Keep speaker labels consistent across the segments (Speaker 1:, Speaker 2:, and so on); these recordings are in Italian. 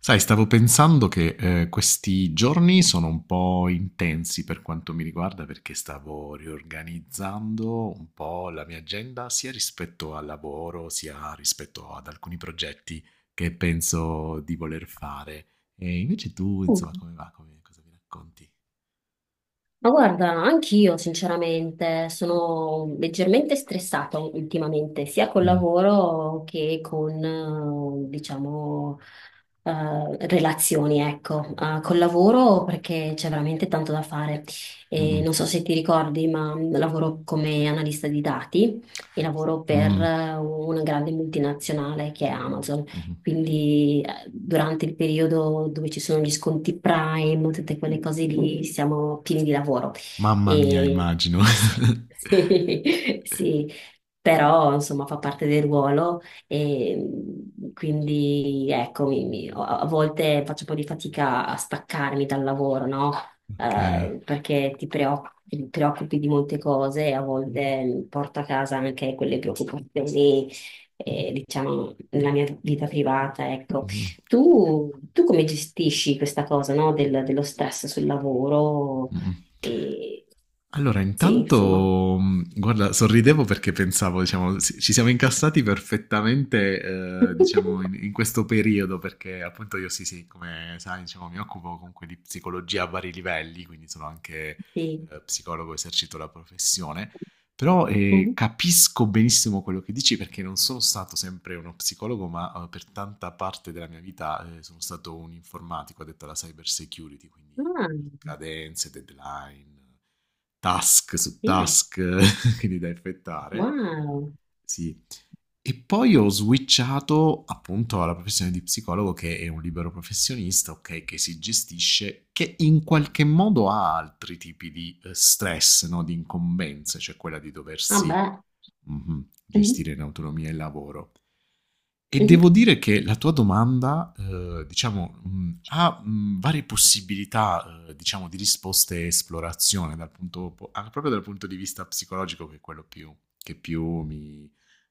Speaker 1: Sai, stavo pensando che questi giorni sono un po' intensi per quanto mi riguarda perché stavo riorganizzando un po' la mia agenda sia rispetto al lavoro sia rispetto ad alcuni progetti che penso di voler fare. E invece tu, insomma,
Speaker 2: Mm.
Speaker 1: come va? Cosa mi racconti?
Speaker 2: Ma guarda, anch'io sinceramente sono leggermente stressata ultimamente, sia col
Speaker 1: Mm,
Speaker 2: lavoro che con, diciamo, relazioni, ecco. Col lavoro perché c'è veramente tanto da fare. E non
Speaker 1: Mm,
Speaker 2: so se ti ricordi, ma lavoro come analista di dati e lavoro per
Speaker 1: mm,
Speaker 2: una grande multinazionale che è Amazon.
Speaker 1: mhm.
Speaker 2: Quindi durante il periodo dove ci sono gli sconti Prime, tutte quelle cose lì, siamo pieni di lavoro.
Speaker 1: Mamma mia,
Speaker 2: E
Speaker 1: immagino.
Speaker 2: sì, sì, sì. Però insomma fa parte del ruolo e quindi ecco, a volte faccio un po' di fatica a staccarmi dal lavoro, no?
Speaker 1: Ok.
Speaker 2: Perché ti preoccupi di molte cose e a volte porto a casa anche quelle preoccupazioni, diciamo, nella mia vita privata, ecco.
Speaker 1: Mm,
Speaker 2: Tu come gestisci questa cosa, no, dello stress sul lavoro?
Speaker 1: mm.
Speaker 2: E...
Speaker 1: Allora,
Speaker 2: Sì, insomma.
Speaker 1: intanto, guarda, sorridevo perché pensavo, diciamo, ci siamo incassati perfettamente, diciamo, in questo periodo, perché appunto io sì, sì, come sai, diciamo, mi occupo comunque di psicologia a vari livelli, quindi sono anche
Speaker 2: Sì.
Speaker 1: psicologo, esercito la professione, però
Speaker 2: Mhm.
Speaker 1: capisco benissimo quello che dici perché non sono stato sempre uno psicologo, ma per tanta parte della mia vita sono stato un informatico addetto alla cyber security, quindi
Speaker 2: Ah,
Speaker 1: cadenze, deadline, task su
Speaker 2: yeah,
Speaker 1: task quindi da effettare.
Speaker 2: wow.
Speaker 1: Sì. E poi ho switchato appunto alla professione di psicologo che è un libero professionista, ok, che si gestisce, che in qualche modo ha altri tipi di stress, no? Di incombenze, cioè quella di
Speaker 2: Ah,
Speaker 1: doversi
Speaker 2: beh.
Speaker 1: Mh-mh.
Speaker 2: Mhm,
Speaker 1: Gestire in autonomia il lavoro. E
Speaker 2: mhm,
Speaker 1: devo dire che la tua domanda, diciamo, ha, varie possibilità, diciamo di risposte e esplorazione dal punto po anche proprio dal punto di vista psicologico che è quello più mi,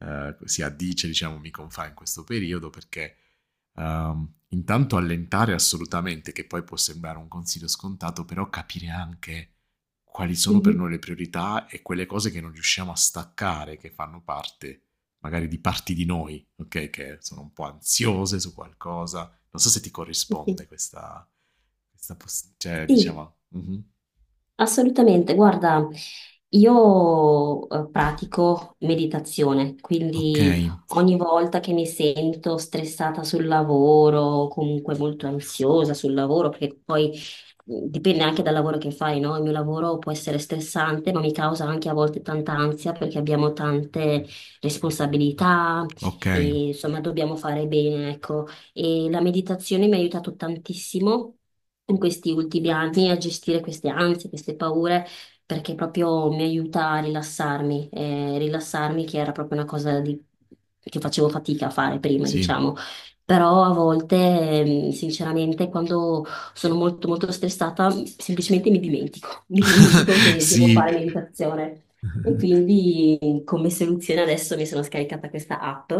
Speaker 1: si addice, diciamo, mi confà in questo periodo perché, intanto allentare assolutamente, che poi può sembrare un consiglio scontato, però capire anche quali sono per
Speaker 2: mhm.
Speaker 1: noi le priorità e quelle cose che non riusciamo a staccare, che fanno parte magari di parti di noi, ok? Che sono un po' ansiose su qualcosa. Non so se ti corrisponde questa, cioè,
Speaker 2: Sì,
Speaker 1: diciamo, mhm.
Speaker 2: assolutamente, guarda, io pratico meditazione,
Speaker 1: Ok,
Speaker 2: quindi ogni volta che mi sento stressata sul lavoro, o comunque molto ansiosa sul lavoro, perché poi dipende anche dal lavoro che fai, no? Il mio lavoro può essere stressante, ma mi causa anche a volte tanta ansia perché abbiamo tante responsabilità
Speaker 1: ok,
Speaker 2: e insomma dobbiamo fare bene, ecco, e la meditazione mi ha aiutato tantissimo in questi ultimi anni a gestire queste ansie, queste paure, perché proprio mi aiuta a rilassarmi, che era proprio una cosa che facevo fatica a fare prima,
Speaker 1: sì,
Speaker 2: diciamo. Però a volte, sinceramente, quando sono molto molto stressata, semplicemente mi dimentico, mi dimentico che devo
Speaker 1: sì,
Speaker 2: fare meditazione. E quindi come soluzione adesso mi sono scaricata questa app,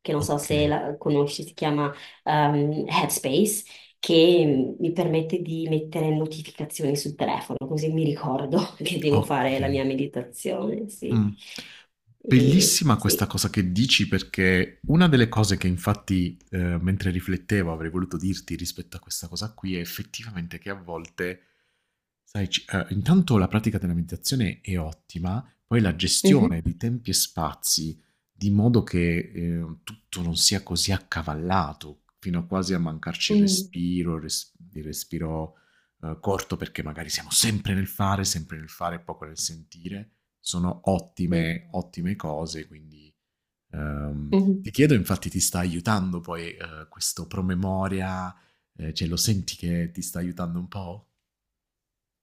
Speaker 2: che non so
Speaker 1: ok,
Speaker 2: se la conosci, si chiama Headspace, che mi permette di mettere notificazioni sul telefono, così mi ricordo che devo
Speaker 1: ok.
Speaker 2: fare la mia meditazione,
Speaker 1: Mh.
Speaker 2: sì. E,
Speaker 1: Bellissima questa
Speaker 2: sì.
Speaker 1: cosa che dici perché una delle cose che infatti, mentre riflettevo avrei voluto dirti rispetto a questa cosa qui è effettivamente che a volte Sai, intanto la pratica della meditazione è ottima, poi la gestione
Speaker 2: Mhm.
Speaker 1: di tempi e spazi, di modo che tutto non sia così accavallato, fino a quasi a mancarci il
Speaker 2: Mm,
Speaker 1: respiro, il respiro corto, perché magari siamo sempre nel fare, e poco nel sentire. Sono
Speaker 2: sì.
Speaker 1: ottime, ottime cose, quindi ehm,
Speaker 2: Mhm.
Speaker 1: ti chiedo, infatti ti sta aiutando poi questo promemoria, cioè lo senti che ti sta aiutando un po'?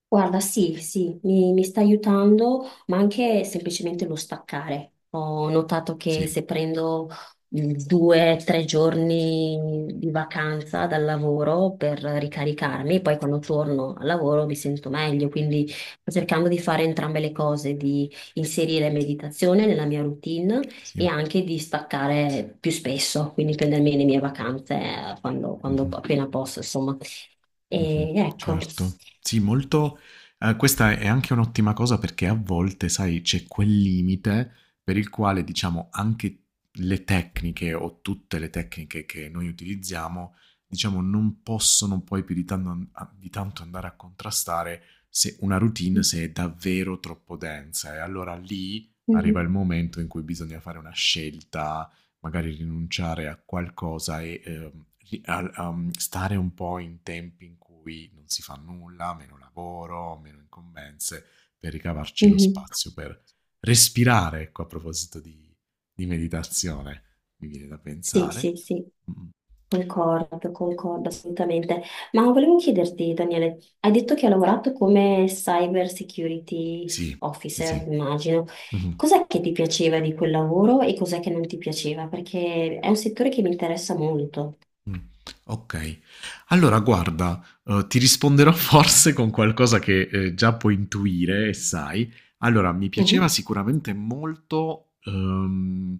Speaker 2: Guarda, sì, sì, mi sta aiutando, ma anche semplicemente lo staccare. Ho notato che
Speaker 1: Sì,
Speaker 2: se prendo 2 o 3 giorni di vacanza dal lavoro per ricaricarmi, poi quando torno al lavoro mi sento meglio, quindi sto cercando di fare entrambe le cose, di inserire meditazione nella mia routine e
Speaker 1: sì.
Speaker 2: anche di staccare più spesso, quindi prendermi le mie vacanze quando
Speaker 1: Mh-mh,
Speaker 2: appena posso, insomma.
Speaker 1: mh-mh,
Speaker 2: E ecco.
Speaker 1: certo. Sì, molto questa è anche un'ottima cosa perché a volte, sai, c'è quel limite per il quale, diciamo, anche le tecniche o tutte le tecniche che noi utilizziamo, diciamo, non possono poi più di tanno an a di tanto andare a contrastare se una routine se è davvero troppo densa. E allora lì arriva il
Speaker 2: Mhm.
Speaker 1: momento in cui bisogna fare una scelta. Magari rinunciare a qualcosa e, ri al stare un po' in tempi in cui non si fa nulla, meno lavoro, meno incombenze, per ricavarci lo
Speaker 2: Mhm.
Speaker 1: spazio per respirare, ecco, a proposito di meditazione, mi viene da
Speaker 2: Sì,
Speaker 1: pensare.
Speaker 2: sì, sì,
Speaker 1: Mh-mh.
Speaker 2: concordo, concordo assolutamente. Ma volevo chiederti, Daniele, hai detto che hai lavorato come cyber security
Speaker 1: Sì, sì,
Speaker 2: officer,
Speaker 1: sì.
Speaker 2: immagino.
Speaker 1: Mh-mh.
Speaker 2: Cos'è che ti piaceva di quel lavoro e cos'è che non ti piaceva? Perché è un settore che mi interessa molto.
Speaker 1: Mh, okay. Allora guarda, ti risponderò forse con qualcosa che, già puoi intuire e sai. Allora, mi piaceva
Speaker 2: Mhm.
Speaker 1: sicuramente molto,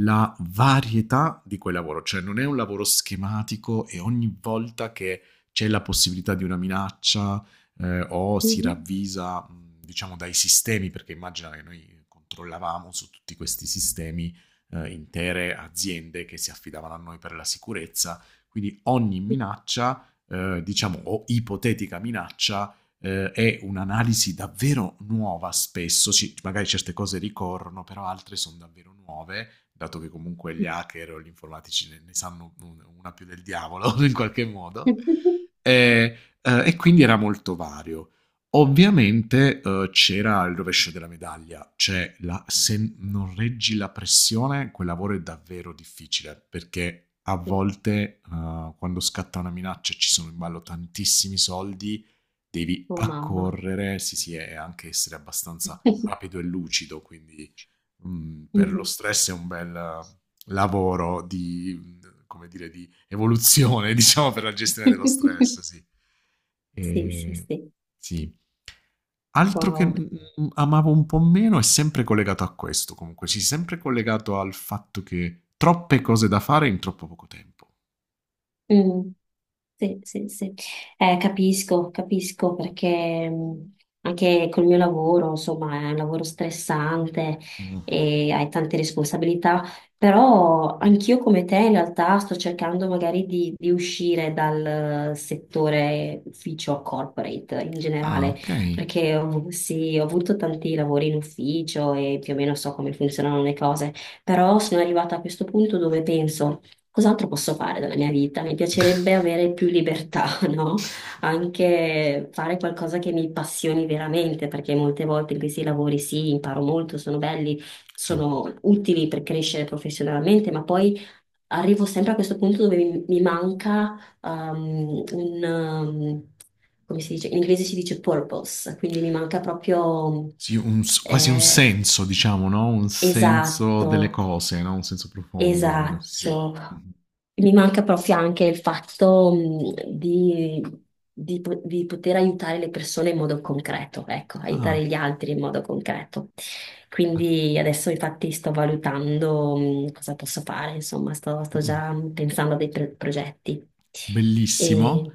Speaker 1: la varietà di quel lavoro, cioè non è un lavoro schematico e ogni volta che c'è la possibilità di una minaccia, o si
Speaker 2: Mhm.
Speaker 1: ravvisa, diciamo dai sistemi, perché immagina che noi controllavamo su tutti questi sistemi, intere aziende che si affidavano a noi per la sicurezza quindi ogni minaccia, diciamo, o ipotetica minaccia, è un'analisi davvero nuova spesso. Magari certe cose ricorrono, però altre sono davvero nuove, dato che comunque gli hacker o gli informatici ne sanno una più del diavolo in qualche modo. Eh, e quindi era molto vario. Ovviamente, c'era il rovescio della medaglia, cioè la se non reggi la pressione quel lavoro è davvero difficile, perché a volte, quando scatta una minaccia e ci sono in ballo tantissimi soldi, devi
Speaker 2: Oh mamma.
Speaker 1: accorrere, sì, sì, e anche essere abbastanza rapido e lucido, quindi, per lo
Speaker 2: Mhm.
Speaker 1: stress è un bel lavoro di, come dire, di evoluzione diciamo per la gestione dello stress, sì.
Speaker 2: Sì, sì,
Speaker 1: Ehm,
Speaker 2: sì.
Speaker 1: sì. Altro che,
Speaker 2: Wow.
Speaker 1: amavo un po' meno è sempre collegato a questo comunque, sì, sempre collegato al fatto che troppe cose da fare in troppo poco tempo.
Speaker 2: Mm. Sì, sì, sì. Capisco, capisco perché anche col mio lavoro, insomma, è un lavoro stressante
Speaker 1: Mh.
Speaker 2: e hai tante responsabilità, però anch'io come te in realtà sto cercando magari di uscire dal settore ufficio corporate in
Speaker 1: Ah,
Speaker 2: generale,
Speaker 1: okay.
Speaker 2: perché sì, ho avuto tanti lavori in ufficio e più o meno so come funzionano le cose, però sono arrivata a questo punto dove penso. Cos'altro posso fare della mia vita? Mi piacerebbe avere più libertà, no? Anche fare qualcosa che mi passioni veramente, perché molte volte in questi lavori sì, imparo molto, sono belli,
Speaker 1: Sì.
Speaker 2: sono utili per crescere professionalmente, ma poi arrivo sempre a questo punto dove mi manca come si dice? In inglese si dice purpose, quindi mi manca proprio
Speaker 1: Sì, un s quasi un
Speaker 2: eh,
Speaker 1: senso diciamo, no, un senso delle
Speaker 2: esatto.
Speaker 1: cose, no, un senso profondo delle cose, sì.
Speaker 2: Esatto,
Speaker 1: Mh-mh.
Speaker 2: mi manca proprio anche il fatto di poter aiutare le persone in modo concreto, ecco,
Speaker 1: Ah,
Speaker 2: aiutare gli altri in modo concreto.
Speaker 1: ah,
Speaker 2: Quindi adesso infatti sto valutando cosa posso fare, insomma, sto
Speaker 1: mh-mh.
Speaker 2: già pensando a dei progetti.
Speaker 1: Bellissimo.
Speaker 2: E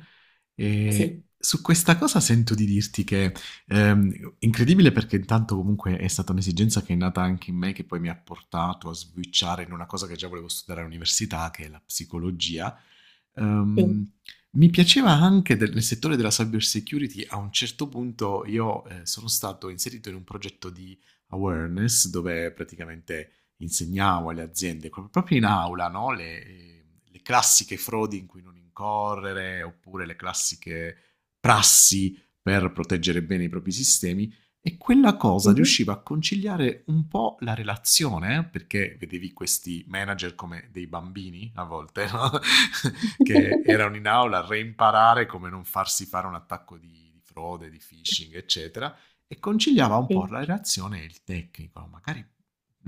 Speaker 1: E
Speaker 2: sì,
Speaker 1: su questa cosa sento di dirti che, incredibile perché intanto comunque è stata un'esigenza che è nata anche in me, che poi mi ha portato a switchare in una cosa che già volevo studiare all'università, che è la psicologia.
Speaker 2: sì.
Speaker 1: Ehm, mi piaceva anche nel settore della cyber security, a un certo punto io sono stato inserito in un progetto di awareness dove praticamente insegnavo alle aziende, proprio in aula, no? Le classiche frodi in cui non incorrere, oppure le classiche prassi per proteggere bene i propri sistemi. E quella cosa
Speaker 2: Mhm.
Speaker 1: riusciva a conciliare un po' la relazione, eh? Perché vedevi questi manager come dei bambini a volte, no? Che erano in aula a reimparare come non farsi fare un attacco di frode, di phishing, eccetera, e conciliava un po'
Speaker 2: Sì.
Speaker 1: la relazione e il tecnico. Magari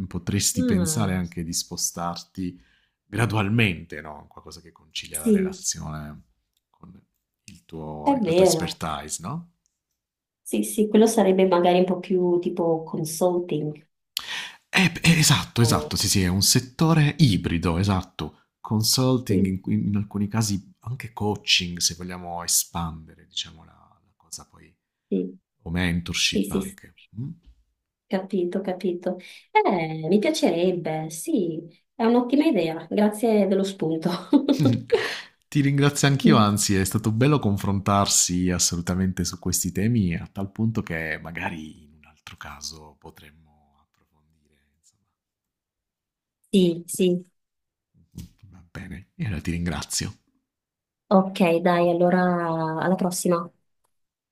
Speaker 1: potresti pensare
Speaker 2: Ah,
Speaker 1: anche di spostarti gradualmente, no? Qualcosa che concilia la
Speaker 2: sì,
Speaker 1: relazione con
Speaker 2: è
Speaker 1: la tua
Speaker 2: vero.
Speaker 1: expertise, no?
Speaker 2: Sì, sì, quello sarebbe magari un po' più tipo consulting.
Speaker 1: Esatto,
Speaker 2: o-
Speaker 1: esatto, sì, sì, è un settore ibrido, esatto. Consulting,
Speaker 2: Sì,
Speaker 1: in alcuni casi anche coaching, se vogliamo espandere, diciamo, la cosa poi,
Speaker 2: sì,
Speaker 1: o
Speaker 2: sì,
Speaker 1: mentorship
Speaker 2: sì, sì,
Speaker 1: anche. Mm?
Speaker 2: capito, capito. Mi piacerebbe, sì, è un'ottima idea, grazie dello spunto.
Speaker 1: Ti ringrazio anch'io, anzi, è stato bello confrontarsi assolutamente su questi temi, a tal punto che magari in un altro caso potremmo approfondire,
Speaker 2: Sì, sì,
Speaker 1: insomma. Va bene, e allora ti ringrazio.
Speaker 2: ok, dai, allora alla prossima.